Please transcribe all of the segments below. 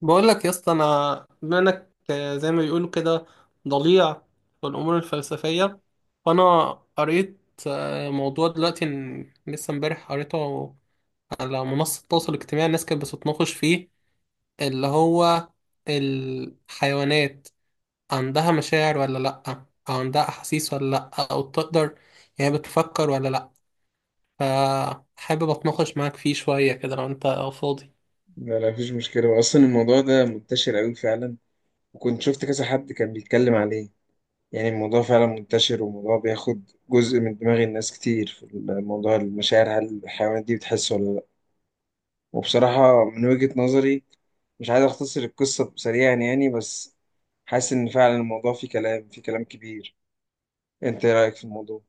بقول لك يا اسطى، انا بما انك زي ما بيقولوا كده ضليع في الامور الفلسفيه. فانا قريت موضوع دلوقتي لسه امبارح قريته على منصه التواصل الاجتماعي. الناس كانت بتتناقش فيه، اللي هو الحيوانات عندها مشاعر ولا لا، او عندها احاسيس ولا لا، او بتقدر يعني بتفكر ولا لا. فحابب اتناقش معاك فيه شويه كده لو انت فاضي. لا، لا مفيش مشكلة. أصلا الموضوع ده منتشر أوي فعلا، وكنت شفت كذا حد كان بيتكلم عليه. يعني الموضوع فعلا منتشر، والموضوع بياخد جزء من دماغ الناس كتير في الموضوع المشاعر، هل الحيوانات دي بتحس ولا لأ. وبصراحة من وجهة نظري مش عايز أختصر القصة سريعا يعني، بس حاسس إن فعلا الموضوع فيه كلام، فيه كلام كبير. أنت إيه رأيك في الموضوع؟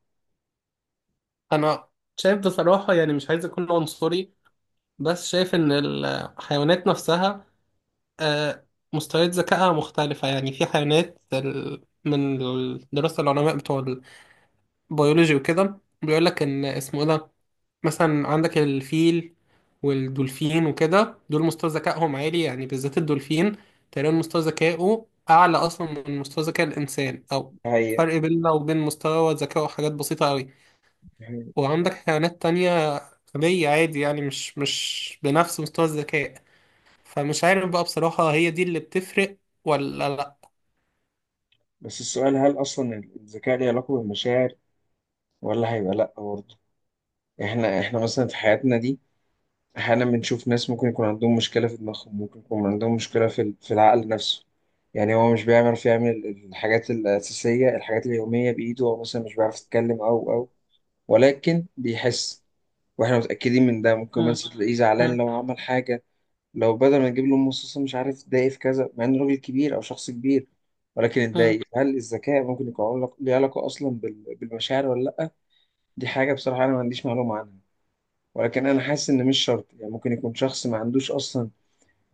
انا شايف بصراحه، يعني مش عايز اكون عنصري، بس شايف ان الحيوانات نفسها آه، مستويات ذكائها مختلفة. يعني في حيوانات من دراسة العلماء بتوع البيولوجي وكده، بيقول لك ان اسمه ايه ده، مثلا عندك الفيل والدولفين وكده، دول مستوى ذكائهم عالي، يعني بالذات الدولفين تقريبا مستوى ذكائه أعلى أصلا من مستوى ذكاء الإنسان، أو هي فرق بيننا وبين مستوى ذكائه حاجات بسيطة أوي. وعندك حيوانات تانية غبية عادي، يعني مش بنفس مستوى الذكاء. فمش عارف بقى بصراحة، هي دي اللي بتفرق ولا لا؟ بس السؤال، هل أصلا الذكاء ليه علاقة بالمشاعر ولا هيبقى لأ برضه؟ إحنا مثلا في حياتنا دي احيانا بنشوف ناس ممكن يكون عندهم مشكله في دماغهم، ممكن يكون عندهم مشكله في العقل نفسه. يعني هو مش بيعرف يعمل الحاجات الاساسيه، الحاجات اليوميه بايده، او مثلا مش بيعرف يتكلم او ولكن بيحس. واحنا متاكدين من ده. ممكن مم. مثلا تلاقيه زعلان مم. لو عمل حاجه، لو بدل ما نجيب له مصاصه مش عارف اتضايق في كذا، مع انه راجل كبير او شخص كبير، ولكن مم. اتضايق. هل الذكاء ممكن يكون ليه علاقه اصلا بالمشاعر ولا لا؟ دي حاجه بصراحه انا ما عنديش معلومه عنها، ولكن انا حاسس ان مش شرط. يعني ممكن يكون شخص ما عندوش اصلا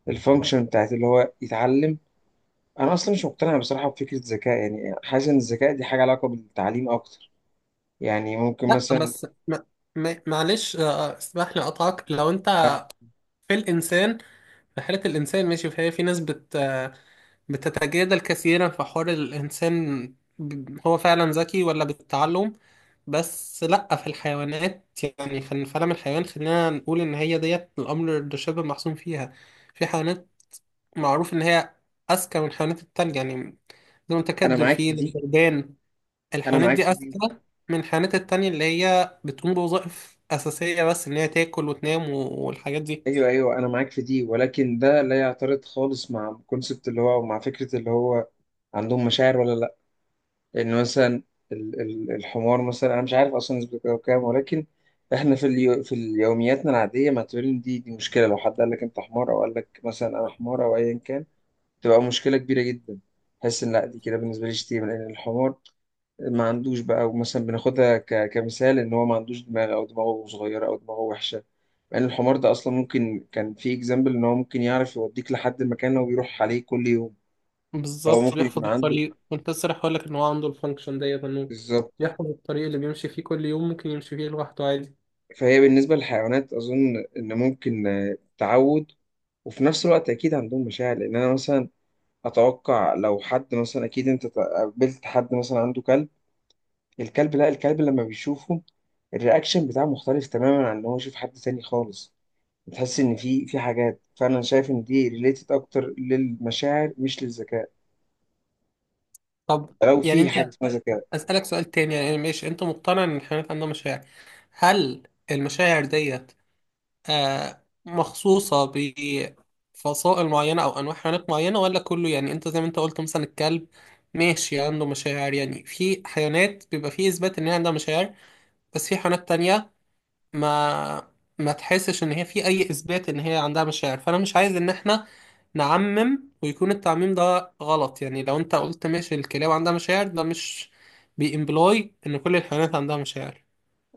الفانكشن بتاعت اللي هو يتعلم. انا اصلا مش مقتنع بصراحه بفكره ذكاء، يعني حاسس ان الذكاء دي حاجه علاقه بالتعليم اكتر. يعني ممكن لا مثلا بس معلش، اسمح لي اقطعك. لو انت في الانسان، في حالة الانسان ماشي، فهي في ناس بت... آه، بتتجادل كثيرا في حوار الانسان، هو فعلا ذكي ولا بالتعلم. بس لا، في الحيوانات يعني، في الفلم الحيوان خلينا نقول ان هي ديت، الامر ده شبه محسوم فيها. في حيوانات معروف ان هي اذكى من الحيوانات التانية، يعني بدون انا تكدل معاك فيه في دي، للبلدان. انا الحيوانات معاك دي في دي. أذكى من الحيوانات التانية اللي هي بتقوم بوظائف أساسية، بس إن هي تاكل وتنام والحاجات دي. ايوه، ايوه، انا معاك في دي، ولكن ده لا يعترض خالص مع الكونسبت اللي هو، ومع فكره اللي هو عندهم مشاعر ولا لا. لان مثلا الحمار مثلا، انا مش عارف اصلا نسبته كام، ولكن احنا في في يومياتنا العاديه معتبرين دي مشكله. لو حد قال لك انت حمار، او قال لك مثلا انا حمار او ايا كان، تبقى مشكلة كبيرة جدا. بحس إن لا، دي كده بالنسبة لي شتيمة، لأن الحمار ما عندوش بقى. ومثلا بناخدها كمثال إن هو ما عندوش دماغ، أو دماغه صغيرة، أو دماغه وحشة، مع إن الحمار ده أصلا ممكن كان في إكزامبل إن هو ممكن يعرف يوديك لحد المكان اللي هو بيروح عليه كل يوم. هو بالظبط، ممكن يكون بيحفظ عنده، الطريق. كنت لسه رايح أقولك إن هو عنده الفانكشن ديت، إنه بالظبط. بيحفظ الطريق اللي بيمشي فيه كل يوم، ممكن يمشي فيه لوحده عادي. فهي بالنسبة للحيوانات أظن إن ممكن تعود. وفي نفس الوقت أكيد عندهم مشاعر، لأن أنا مثلا أتوقع لو حد مثلا، أكيد أنت قابلت حد مثلا عنده كلب، الكلب، لا الكلب لما بيشوفه الرياكشن بتاعه مختلف تماما عن ان هو يشوف حد تاني خالص. بتحس ان في حاجات، فانا شايف ان دي ريليتد اكتر للمشاعر مش للذكاء، طب، لو يعني في أنت حاجه اسمها ذكاء. أسألك سؤال تاني يعني. ماشي، أنت مقتنع إن الحيوانات عندها مشاعر. هل المشاعر ديت مخصوصة بفصائل معينة أو أنواع حيوانات معينة ولا كله؟ يعني أنت زي ما أنت قلت مثلا، الكلب ماشي عنده مشاعر، يعني في حيوانات بيبقى فيه إثبات إن هي عندها مشاعر، بس في حيوانات تانية ما ما تحسش إن هي في أي إثبات إن هي عندها مشاعر. فأنا مش عايز إن إحنا نعمم ويكون التعميم ده غلط. يعني لو أنت قلت ماشي الكلاب عندها مشاعر، ده مش بيمبلاي إن كل الحيوانات عندها مشاعر.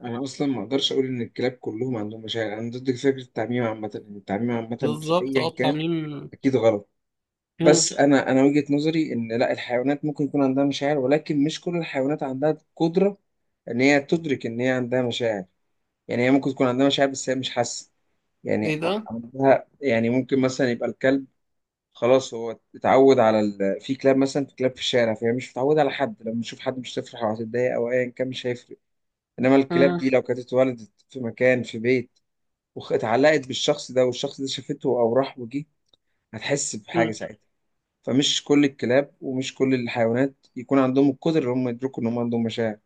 انا اصلا ما اقدرش اقول ان الكلاب كلهم عندهم مشاعر. انا ضد فكره التعميم عامه، ان التعميم عامه في بالظبط، اه، ايا كان التعميم. اكيد غلط. مم. بس انا وجهه نظري ان لا، الحيوانات ممكن يكون عندها مشاعر، ولكن مش كل الحيوانات عندها قدره ان هي تدرك ان هي عندها مشاعر. يعني هي ممكن تكون عندها مشاعر، بس هي مش حاسه إيه يعني، ده؟ عندها. يعني ممكن مثلا يبقى الكلب، خلاص هو اتعود على في كلاب مثلا، في كلاب في الشارع فهي مش متعودة على حد، لما تشوف حد مش هتفرح او هتتضايق او ايا كان، مش هيفرق. انما الكلاب دي لو كانت اتولدت في مكان، في بيت، واتعلقت بالشخص ده، والشخص ده شافته او راح وجه، هتحس بحاجة مم. ساعتها. فمش كل الكلاب ومش كل الحيوانات يكون عندهم القدرة ان هم يدركوا ان هم عندهم مشاعر.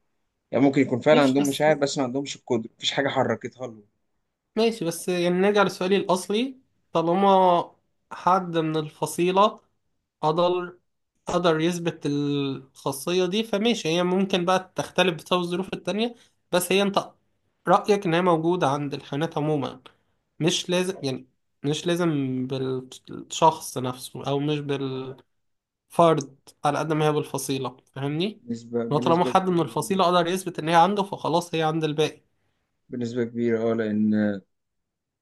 يعني ممكن يكون فعلا ماشي عندهم بس، مشاعر، بس ما عندهمش القدرة، مفيش حاجة حركتها لهم. ماشي بس يعني، نرجع لسؤالي الأصلي. طالما حد من الفصيلة قدر قدر يثبت الخاصية دي، فماشي، هي ممكن بقى تختلف بسبب الظروف التانية، بس هي أنت رأيك إن هي موجودة عند الحيوانات عموما. مش لازم يعني، مش لازم بالشخص نفسه أو مش بالفرد، على قد ما هي بالفصيلة. فاهمني؟ إن بنسبة هو طالما بنسبة حد من كبيرة. الفصيلة قدر يثبت إن هي عنده فخلاص هي عند الباقي. بنسبة كبيرة، اه. لأن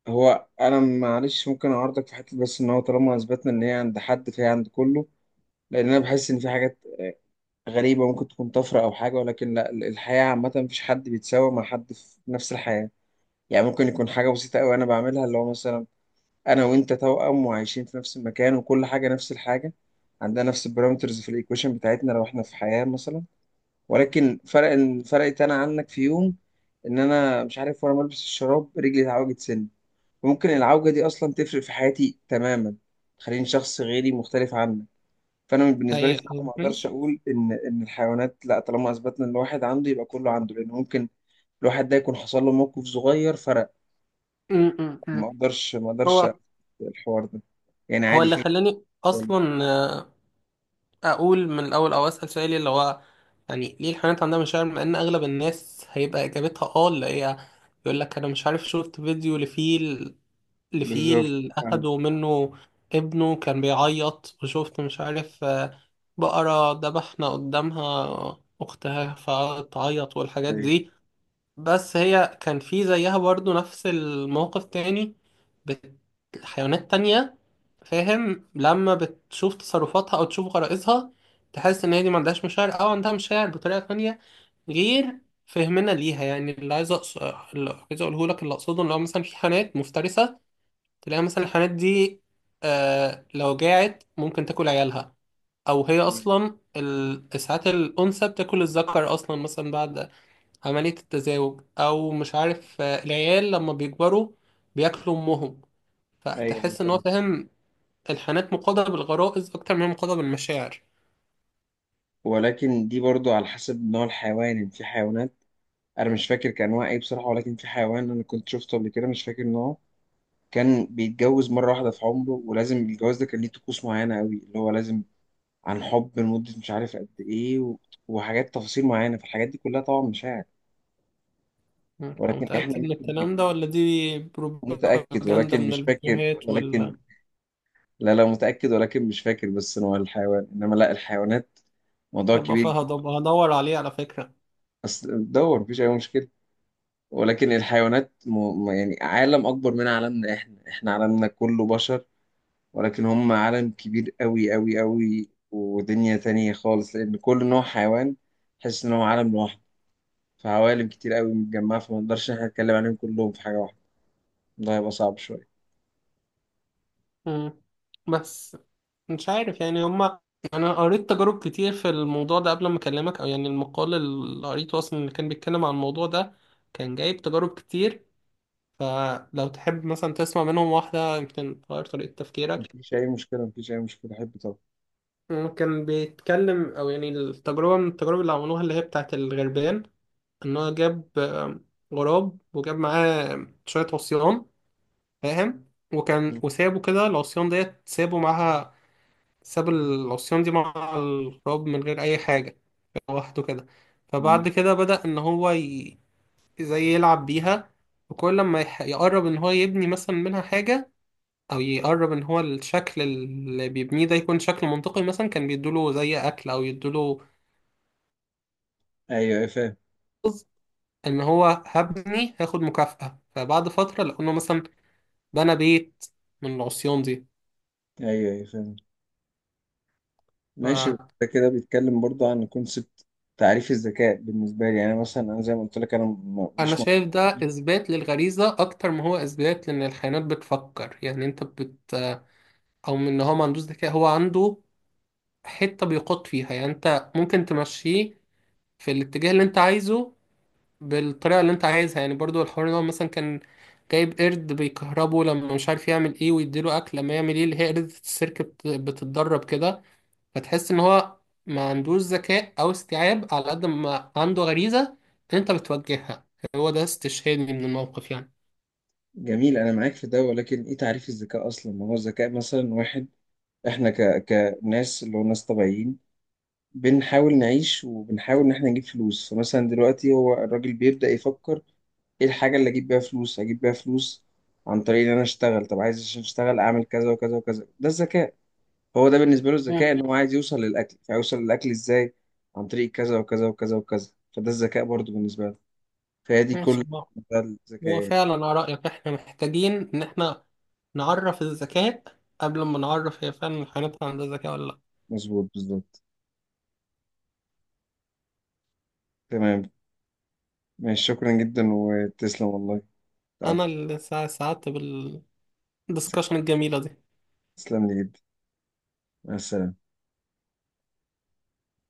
هو، انا معلش ممكن اعارضك في حته، بس ان هو طالما اثبتنا ان هي عند حد فهي عند كله، لان انا بحس ان في حاجات غريبه ممكن تكون طفره او حاجه، ولكن لا، الحياه عامه مفيش حد بيتساوى مع حد في نفس الحياه. يعني ممكن يكون حاجه بسيطه قوي انا بعملها، اللي هو مثلا انا وانت توأم وعايشين في نفس المكان وكل حاجه نفس الحاجه، عندنا نفس البارامترز في الايكويشن بتاعتنا لو احنا في حياه مثلا، ولكن فرق، فرقت انا عنك في يوم ان انا مش عارف، وانا بلبس الشراب رجلي اتعوجت سن، ممكن العوجة دي اصلا تفرق في حياتي تماما، تخليني شخص غيري مختلف عنك. فانا بالنسبة لي هي. بصراحة ما اقدرش ماشي. اقول ان ان الحيوانات لا، طالما اثبتنا ان الواحد عنده يبقى كله عنده، لان ممكن الواحد ده يكون حصل له موقف صغير فرق. م- م- ما م. اقدرش، ما اقدرش أقبل هو الحوار ده، يعني هو عادي اللي في. خلاني اصلا اقول من الاول او اسال سؤالي اللي هو، يعني ليه الحيوانات عندها مشاعر؟ مع ان اغلب الناس هيبقى اجابتها اه، اللي هي يقول لك انا مش عارف شفت فيديو لفيل بالظبط، لفيل فاهم. اخدوا منه ابنه كان بيعيط، وشفت مش عارف بقرة ذبحنا قدامها اختها فقعدت تعيط، والحاجات ايوه، دي. بس هي كان في زيها برضو نفس الموقف تاني، بت- حيوانات تانية. فاهم؟ لما بتشوف تصرفاتها أو تشوف غرائزها، تحس إن هي دي ما عندهاش مشاعر، أو عندها مشاعر بطريقة تانية غير فهمنا ليها. يعني اللي عايز اللي عايز أقوله لك، اللي أقصده، إن هو مثلا في حيوانات مفترسة، تلاقي مثلا الحيوانات دي لو جاعت ممكن تاكل عيالها، أو هي أصلا ساعات الأنثى بتاكل الذكر أصلا مثلا بعد عملية التزاوج، أو مش عارف، العيال لما بيكبروا بياكلوا أمهم. ايوه، أيوة، فتحس إن هو، فاهم. فاهم، الحانات مقاضة بالغرائز أكتر من مقاضة بالمشاعر. ولكن دي برضو على حسب نوع الحيوان. يعني في حيوانات، انا مش فاكر كان انواع ايه بصراحه، ولكن في حيوان انا كنت شفته قبل كده مش فاكر نوعه، كان بيتجوز مره واحده في عمره، ولازم الجواز ده كان ليه طقوس معينه قوي، اللي هو لازم عن حب لمده مش عارف قد ايه وحاجات تفاصيل معينه. فالحاجات دي كلها طبعا مشاعر. أنت ولكن متأكد احنا من الكلام ممكن، ده، ولا دي متاكد بروباجندا ولكن من مش فاكر، الفيديوهات ولكن ولا؟ لا، لا متاكد ولكن مش فاكر بس نوع الحيوان. انما لا، الحيوانات موضوع أبقى كبير. هدور عليه على فكرة. اصل دور، مفيش اي مشكله. ولكن الحيوانات يعني عالم اكبر من عالمنا احنا، احنا عالمنا كله بشر، ولكن هم عالم كبير قوي قوي قوي، ودنيا تانية خالص، لأن كل نوع حيوان تحس إن هو عالم لوحده. فعوالم كتير قوي متجمعة، فما نقدرش إن إحنا نتكلم عليهم كلهم في حاجة واحدة، ده هيبقى صعب شوية. مم. بس مش عارف يعني هما، أنا قريت تجارب كتير في الموضوع ده قبل ما أكلمك. أو يعني المقال اللي قريته أصلا اللي كان بيتكلم عن الموضوع ده، كان جايب تجارب كتير. فلو تحب مثلا تسمع منهم واحدة، يمكن تغير طريقة تفكيرك. مفيش أي مشكلة، مفيش أي مشكلة، أحب طبعا. ممكن بيتكلم أو يعني، التجربة من التجارب اللي عملوها اللي هي بتاعت الغربان، إن هو جاب غراب وجاب معاه شوية عصيان، فاهم؟ وكان مم. وسابه كده، العصيان ديت سابه معاها، ساب العصيان دي مع الغراب من غير أي حاجة، لوحده كده. فبعد جميل. كده بدأ إن هو زي يلعب بيها. وكل لما يقرب إن هو يبني مثلا منها حاجة، او يقرب ان هو الشكل اللي بيبنيه ده يكون شكل منطقي، مثلا كان بيدوله زي اكل او يدوله أيوه، أيوه، فاهم. رز، ان هو هبني هاخد مكافأة. فبعد فترة لقوا انه مثلا بنى بيت من العصيان دي. أيوه، أيوه، فاهم. ماشي. فانا ده كده بيتكلم برضه عن كونسبت تعريف الذكاء. بالنسبة لي يعني مثلا، أنا زي ما قلت لك أنا م- مش م- شايف ده اثبات للغريزة اكتر ما هو اثبات لان الحيوانات بتفكر. يعني انت او من ان هو ما عندوش ذكاء، هو عنده حتة بيقود فيها. يعني انت ممكن تمشيه في الاتجاه اللي انت عايزه، بالطريقة اللي انت عايزها. يعني برضو الحوار ده مثلا كان جايب قرد بيكهربه لما مش عارف يعمل ايه ويديله اكل لما يعمل ايه، اللي هي قردة السيرك بتتدرب كده. فتحس ان هو ما عندوش ذكاء او استيعاب على قد ما عنده غريزة، انت بتوجهها. هو ده استشهادي من الموقف يعني. جميل، أنا معاك في ده. ولكن إيه تعريف الذكاء أصلا؟ ما هو الذكاء مثلا؟ واحد احنا كناس، اللي هو ناس طبيعيين، بنحاول نعيش وبنحاول ان احنا نجيب فلوس. فمثلا دلوقتي هو الراجل بيبدأ يفكر ايه الحاجة اللي اجيب بيها فلوس، اجيب بيها فلوس عن طريق ان انا اشتغل. طب عايز عشان اشتغل اعمل كذا وكذا وكذا، ده الذكاء. هو ده بالنسبة له الذكاء، مم. ان هو عايز يوصل للاكل، فيوصل للاكل ازاي؟ عن طريق كذا وكذا وكذا وكذا، فده الذكاء برضو بالنسبة له. فهي دي ماشي كل، بقى. ده الذكاء هو يعني. فعلا على رأيك احنا محتاجين ان احنا نعرف الذكاء قبل ما نعرف هي فعلا الحيوانات عندها ذكاء ولا لا. مظبوط، بالظبط. تمام. ماشي، شكرا جدا، وتسلم والله، انا تعبت. اللي سعدت بالدسكشن الجميلة دي. تسلم لي جدا. مع السلامة.